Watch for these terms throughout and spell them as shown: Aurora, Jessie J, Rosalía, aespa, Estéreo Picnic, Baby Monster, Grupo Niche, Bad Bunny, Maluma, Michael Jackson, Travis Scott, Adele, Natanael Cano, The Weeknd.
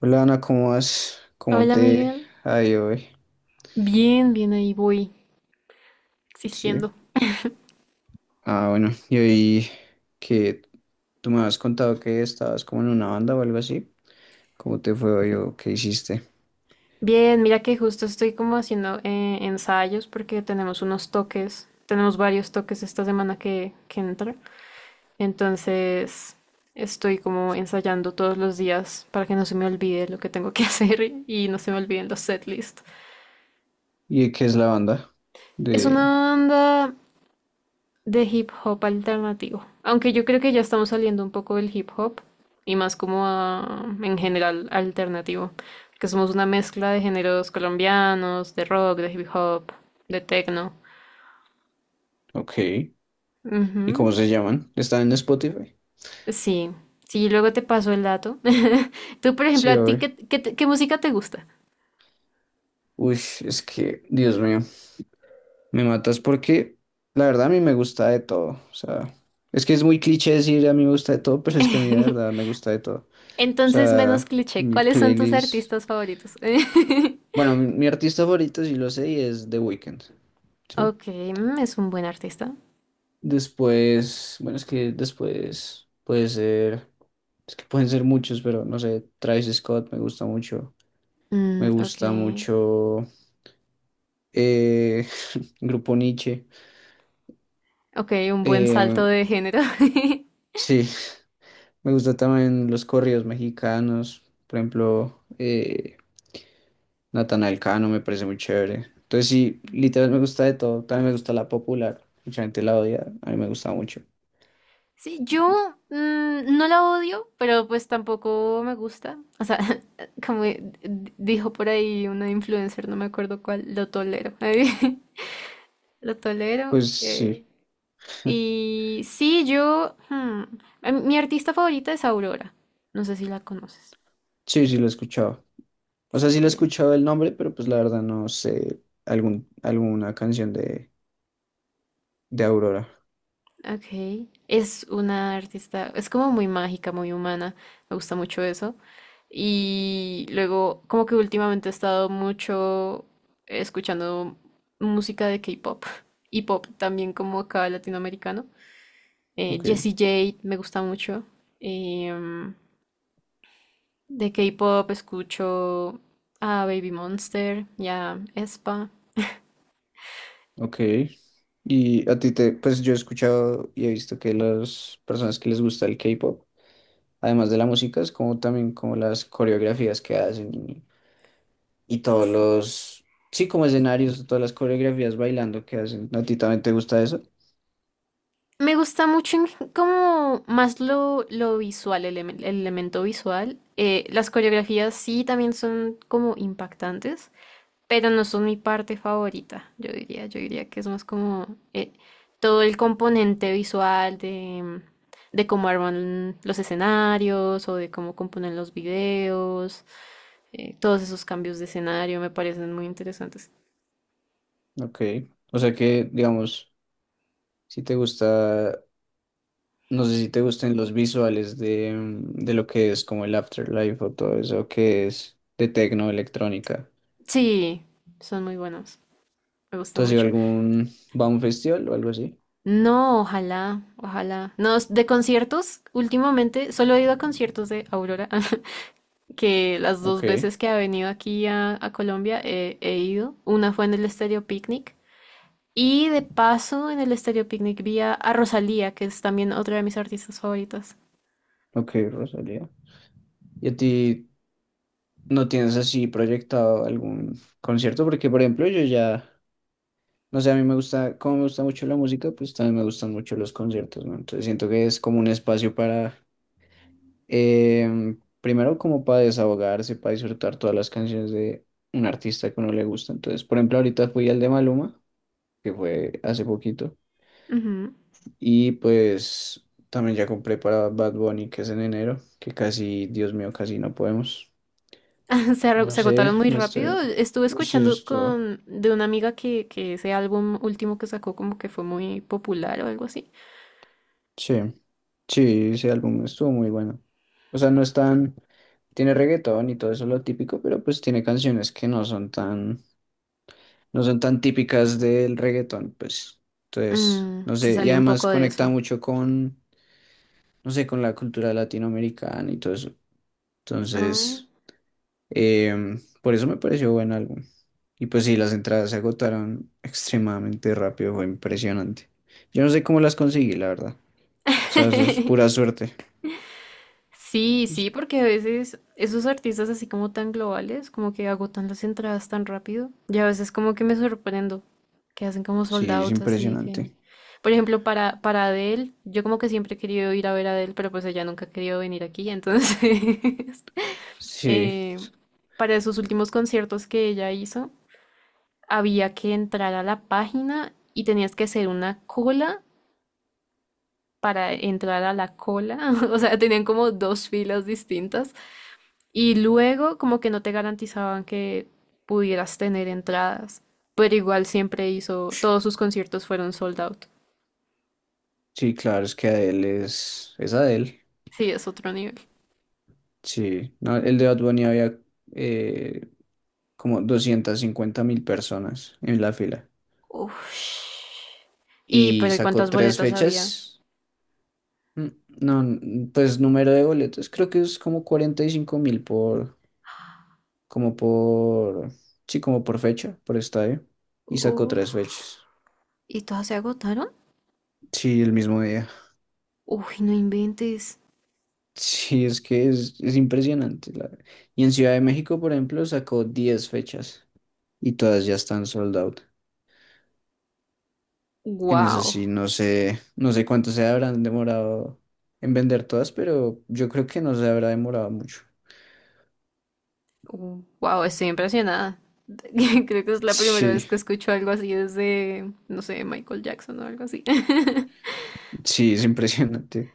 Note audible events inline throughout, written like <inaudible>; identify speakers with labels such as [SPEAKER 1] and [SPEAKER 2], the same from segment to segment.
[SPEAKER 1] Hola Ana, ¿cómo vas? ¿Cómo
[SPEAKER 2] Hola
[SPEAKER 1] te
[SPEAKER 2] Miguel.
[SPEAKER 1] ha ido hoy?
[SPEAKER 2] Bien, bien, ahí voy, existiendo.
[SPEAKER 1] Sí. Ah, bueno, y hoy que tú me habías contado que estabas como en una banda o algo así. ¿Cómo te fue hoy o qué hiciste?
[SPEAKER 2] Bien, mira que justo estoy como haciendo ensayos porque tenemos unos toques, tenemos varios toques esta semana que entra. Entonces estoy como ensayando todos los días para que no se me olvide lo que tengo que <laughs> hacer y no se me olviden los setlists.
[SPEAKER 1] ¿Y de qué es la banda?
[SPEAKER 2] Es
[SPEAKER 1] De...
[SPEAKER 2] una banda de hip hop alternativo. Aunque yo creo que ya estamos saliendo un poco del hip hop y más como en general alternativo, que somos una mezcla de géneros colombianos, de rock, de hip hop, de techno.
[SPEAKER 1] Ok. ¿Y
[SPEAKER 2] Ujú.
[SPEAKER 1] cómo se llaman? ¿Están en Spotify?
[SPEAKER 2] Sí, sí, luego te paso el dato. <laughs> Tú, por ejemplo,
[SPEAKER 1] Sí,
[SPEAKER 2] ¿a ti
[SPEAKER 1] hoy.
[SPEAKER 2] qué música te gusta?
[SPEAKER 1] Uy, es que, Dios mío, me matas porque la verdad a mí me gusta de todo. O sea, es que es muy cliché decir a mí me gusta de todo, pero es que a mí de verdad me
[SPEAKER 2] <laughs>
[SPEAKER 1] gusta de todo. O
[SPEAKER 2] Entonces, menos
[SPEAKER 1] sea,
[SPEAKER 2] cliché,
[SPEAKER 1] mi
[SPEAKER 2] ¿cuáles son tus
[SPEAKER 1] playlist.
[SPEAKER 2] artistas favoritos? <laughs>
[SPEAKER 1] Bueno, mi artista favorito, sí lo sé, y es The Weeknd. Sí.
[SPEAKER 2] Ok, mm, es un buen artista.
[SPEAKER 1] Después, bueno, es que después puede ser. Es que pueden ser muchos, pero no sé. Travis Scott me gusta mucho.
[SPEAKER 2] Mm,
[SPEAKER 1] Me
[SPEAKER 2] ok.
[SPEAKER 1] gusta mucho. eh, <laughs> Grupo Niche.
[SPEAKER 2] Ok, un buen
[SPEAKER 1] Eh,
[SPEAKER 2] salto de género. <laughs>
[SPEAKER 1] sí, me gusta también los corridos mexicanos. Por ejemplo, Natanael Cano me parece muy chévere. Entonces sí, literal me gusta de todo. También me gusta la popular. Mucha gente la odia. A mí me gusta mucho.
[SPEAKER 2] Sí, yo no la odio, pero pues tampoco me gusta. O sea, <laughs> como dijo por ahí una influencer, no me acuerdo cuál, lo tolero. <laughs> Lo tolero.
[SPEAKER 1] Pues sí,
[SPEAKER 2] Y sí, mi artista favorita es Aurora. No sé si la conoces.
[SPEAKER 1] sí, sí lo he escuchado. O sea,
[SPEAKER 2] Sí,
[SPEAKER 1] sí lo he
[SPEAKER 2] ella.
[SPEAKER 1] escuchado el nombre, pero pues la verdad no sé algún, alguna canción de Aurora.
[SPEAKER 2] Ok. Es una artista, es como muy mágica, muy humana. Me gusta mucho eso. Y luego, como que últimamente he estado mucho escuchando música de K-pop y pop también como acá latinoamericano.
[SPEAKER 1] Ok,
[SPEAKER 2] Jessie J me gusta mucho. Em, de K-pop escucho a Baby Monster y a aespa.
[SPEAKER 1] ok. Y a ti te, pues yo he escuchado y he visto que las personas que les gusta el K-pop, además de la música, es como también como las coreografías que hacen y todos los, sí, como escenarios, todas las coreografías bailando que hacen. ¿A ti también te gusta eso?
[SPEAKER 2] Me gusta mucho en como más lo visual, el elemento visual. Las coreografías sí también son como impactantes, pero no son mi parte favorita, yo diría que es más como eh, todo el componente visual de cómo arman los escenarios o de cómo componen los videos, todos esos cambios de escenario me parecen muy interesantes.
[SPEAKER 1] Ok. O sea que, digamos, si te gusta, no sé si te gusten los visuales de, de lo que es como el Afterlife o todo eso que es de tecno, electrónica.
[SPEAKER 2] Sí, son muy buenos, me gusta
[SPEAKER 1] ¿Tú has ido a
[SPEAKER 2] mucho.
[SPEAKER 1] algún, va a un festival o algo así?
[SPEAKER 2] No, ojalá, ojalá. No, de conciertos, últimamente solo he ido a conciertos de Aurora. <laughs> Que las dos
[SPEAKER 1] Ok,
[SPEAKER 2] veces que ha venido aquí a Colombia he ido. Una fue en el Estéreo Picnic y de paso en el Estéreo Picnic vi a Rosalía, que es también otra de mis artistas favoritas.
[SPEAKER 1] ok, Rosalía. ¿Y a ti no tienes así proyectado algún concierto? Porque, por ejemplo, yo ya... No sé, a mí me gusta, como me gusta mucho la música, pues también me gustan mucho los conciertos, ¿no? Entonces siento que es como un espacio para, primero como para desahogarse, para disfrutar todas las canciones de un artista que a uno le gusta. Entonces, por ejemplo, ahorita fui al de Maluma, que fue hace poquito,
[SPEAKER 2] Ujú.
[SPEAKER 1] y pues también ya compré para Bad Bunny, que es en enero, que casi, Dios mío, casi no podemos.
[SPEAKER 2] <laughs>
[SPEAKER 1] No
[SPEAKER 2] Se agotaron
[SPEAKER 1] sé,
[SPEAKER 2] muy
[SPEAKER 1] me estoy...
[SPEAKER 2] rápido. Estuve
[SPEAKER 1] Uy, sí,
[SPEAKER 2] escuchando con de una amiga que ese álbum último que sacó como que fue muy popular o algo así.
[SPEAKER 1] Sí. Sí, ese álbum estuvo muy bueno. O sea, no es tan, tiene reggaetón y todo eso lo típico, pero pues tiene canciones que no son tan, no son tan típicas del reggaetón, pues. Entonces,
[SPEAKER 2] Mm,
[SPEAKER 1] no
[SPEAKER 2] se
[SPEAKER 1] sé, y
[SPEAKER 2] salió un
[SPEAKER 1] además
[SPEAKER 2] poco de
[SPEAKER 1] conecta
[SPEAKER 2] eso.
[SPEAKER 1] mucho con, no sé, con la cultura latinoamericana y todo eso.
[SPEAKER 2] Ah.
[SPEAKER 1] Entonces, por eso me pareció buen álbum. Y pues sí, las entradas se agotaron extremadamente rápido, fue impresionante. Yo no sé cómo las conseguí, la verdad. O sea, eso es pura
[SPEAKER 2] <laughs>
[SPEAKER 1] suerte.
[SPEAKER 2] Sí, sí,
[SPEAKER 1] Es-
[SPEAKER 2] porque a veces esos artistas así como tan globales, como que agotan las entradas tan rápido. Y a veces como que me sorprendo, que hacen como sold
[SPEAKER 1] Sí, es
[SPEAKER 2] out, así que...
[SPEAKER 1] impresionante.
[SPEAKER 2] Por ejemplo, para Adele, yo como que siempre he querido ir a ver a Adele, pero pues ella nunca ha querido venir aquí, entonces... <laughs>
[SPEAKER 1] Sí,
[SPEAKER 2] eh, para esos últimos conciertos que ella hizo, había que entrar a la página y tenías que hacer una cola para entrar a la cola. <laughs> O sea, tenían como dos filas distintas. Y luego como que no te garantizaban que pudieras tener entradas, pero igual siempre hizo, todos sus conciertos fueron sold out.
[SPEAKER 1] sí, claro, es que Adele es Adele.
[SPEAKER 2] Sí, es otro nivel.
[SPEAKER 1] Sí, no, el de Bad Bunny había eh, como 250.000 personas en la fila
[SPEAKER 2] Uf. Y,
[SPEAKER 1] y
[SPEAKER 2] pero ¿y
[SPEAKER 1] sacó
[SPEAKER 2] cuántas
[SPEAKER 1] tres
[SPEAKER 2] boletas había?
[SPEAKER 1] fechas. Mm, No, pues número de boletos creo que es como 45.000 por, como por, sí, como por fecha, por estadio y sacó
[SPEAKER 2] Uf.
[SPEAKER 1] tres fechas.
[SPEAKER 2] ¿Y todas se agotaron?
[SPEAKER 1] Sí, el mismo día. <laughs>
[SPEAKER 2] Uy, no inventes.
[SPEAKER 1] Sí, es que es impresionante. Y en Ciudad de México, por ejemplo, sacó 10 fechas. Y todas ya están sold out. En esas
[SPEAKER 2] Wow.
[SPEAKER 1] sí, no sé, no sé cuánto se habrán demorado en vender todas, pero yo creo que no se habrá demorado mucho.
[SPEAKER 2] Wow, estoy impresionada. <laughs> Creo que es la primera vez
[SPEAKER 1] Sí,
[SPEAKER 2] que escucho algo así desde, no sé, Michael Jackson o algo así. <laughs>
[SPEAKER 1] sí, es impresionante.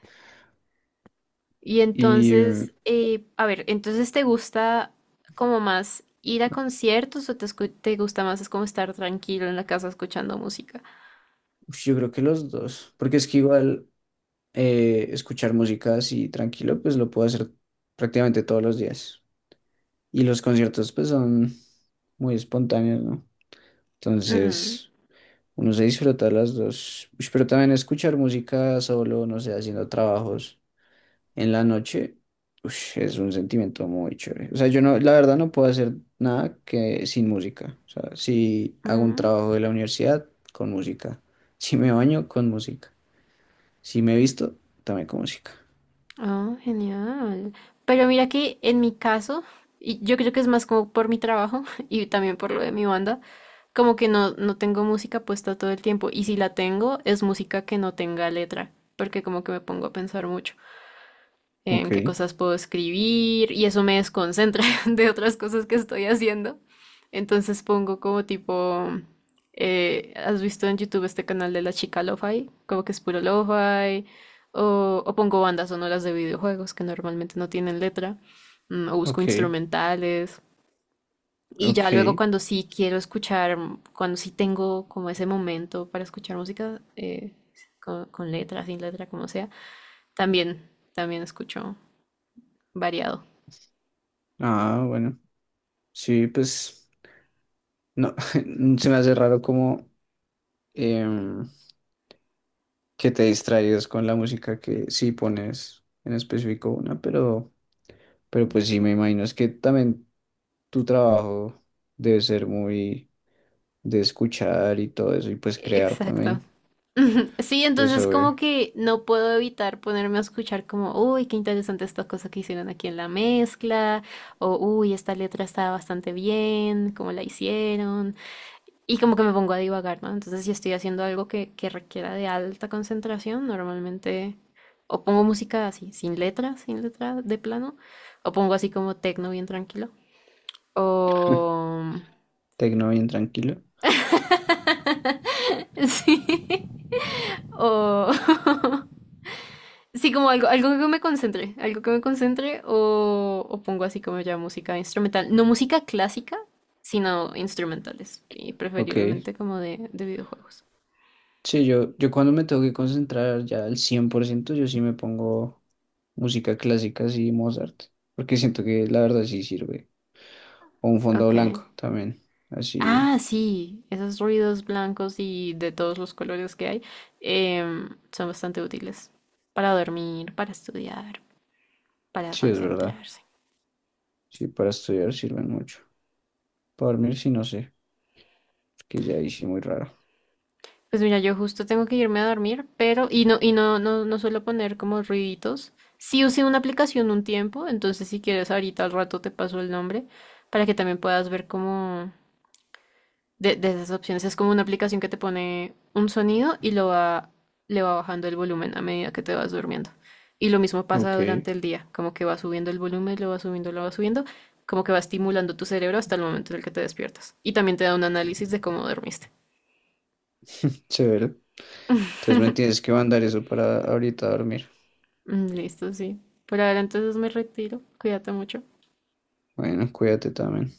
[SPEAKER 2] Y
[SPEAKER 1] Y
[SPEAKER 2] entonces, a ver, entonces ¿te gusta como más ir a conciertos o te gusta más es como estar tranquilo en la casa escuchando música?
[SPEAKER 1] uf, yo creo que los dos, porque es que igual escuchar música así tranquilo, pues lo puedo hacer prácticamente todos los días. Y los conciertos pues son muy espontáneos, ¿no?
[SPEAKER 2] Mm,
[SPEAKER 1] Entonces, uno se disfruta las dos. Ush, pero también escuchar música solo, no sé, haciendo trabajos en la noche, ush, es un sentimiento muy chévere. O sea, yo no, la verdad no puedo hacer nada que sin música. O sea, si hago un
[SPEAKER 2] mm,
[SPEAKER 1] trabajo de la universidad, con música. <laughs> Si me baño, con música. Si me visto, también con música.
[SPEAKER 2] oh, genial. Pero mira que en mi caso, y yo creo que es más como por mi trabajo <laughs> y también por lo de mi banda, como que no tengo música puesta todo el tiempo. Y si la tengo, es música que no tenga letra, porque como que me pongo a pensar mucho en
[SPEAKER 1] Ok,
[SPEAKER 2] qué cosas puedo escribir y eso me desconcentra <laughs> de otras cosas que estoy haciendo. Entonces pongo como tipo, ¿has visto en YouTube este canal de la chica lo-fi? Como que es puro lo-fi. O pongo bandas sonoras de videojuegos que normalmente no tienen letra. O busco
[SPEAKER 1] ok,
[SPEAKER 2] instrumentales. Y ya luego
[SPEAKER 1] ok.
[SPEAKER 2] cuando sí quiero escuchar, cuando sí tengo como ese momento para escuchar música, con letra, sin letra, como sea, también, también escucho variado.
[SPEAKER 1] Ah, bueno. Sí, pues no, <laughs> se me hace raro como em, que te distraigas con la música que sí pones en específico una, pero pues sí me imagino es que también tu trabajo debe ser muy de escuchar y todo eso, y pues crear
[SPEAKER 2] Exacto.
[SPEAKER 1] también.
[SPEAKER 2] <laughs> Sí,
[SPEAKER 1] Entonces,
[SPEAKER 2] entonces
[SPEAKER 1] obvio,
[SPEAKER 2] como que no puedo evitar ponerme a escuchar como, uy, qué interesante esta cosa que hicieron aquí en la mezcla, o uy, esta letra está bastante bien, cómo la hicieron, y como que me pongo a divagar, ¿no? Entonces si estoy haciendo algo que requiera de alta concentración, normalmente o pongo música así, sin letra, sin letra de plano, o pongo así como tecno bien tranquilo, o...
[SPEAKER 1] tecno bien tranquilo.
[SPEAKER 2] <laughs> Sí. O, <laughs> sí, como algo, algo que me concentre, algo que me concentre o pongo así como ya música instrumental. No música clásica, sino instrumentales y
[SPEAKER 1] Ok.
[SPEAKER 2] preferiblemente como de videojuegos.
[SPEAKER 1] Sí, yo cuando me tengo que concentrar ya al 100% yo sí me pongo música clásica, así Mozart, porque siento que la verdad sí sirve. O un fondo
[SPEAKER 2] Ok.
[SPEAKER 1] blanco también, así,
[SPEAKER 2] Ah, sí, esos ruidos blancos y de todos los colores que hay son bastante útiles para dormir, para estudiar, para
[SPEAKER 1] sí es verdad.
[SPEAKER 2] concentrarse.
[SPEAKER 1] Sí, para estudiar sirven mucho. Para dormir sí no sé, porque ya hice muy raro.
[SPEAKER 2] Pues mira, yo justo tengo que irme a dormir, pero, y no suelo poner como ruiditos. Sí usé una aplicación un tiempo, entonces si quieres ahorita al rato te paso el nombre para que también puedas ver como de esas opciones. Es como una aplicación que te pone un sonido y le va bajando el volumen a medida que te vas durmiendo. Y lo mismo pasa
[SPEAKER 1] Ok,
[SPEAKER 2] durante el día, como que va subiendo el volumen, lo va subiendo, como que va estimulando tu cerebro hasta el momento en el que te despiertas. Y también te da un análisis de cómo dormiste.
[SPEAKER 1] severo. Entonces me tienes que mandar eso para ahorita dormir.
[SPEAKER 2] Mm, listo, sí. Por ahora entonces me retiro. Cuídate mucho.
[SPEAKER 1] Bueno, cuídate también.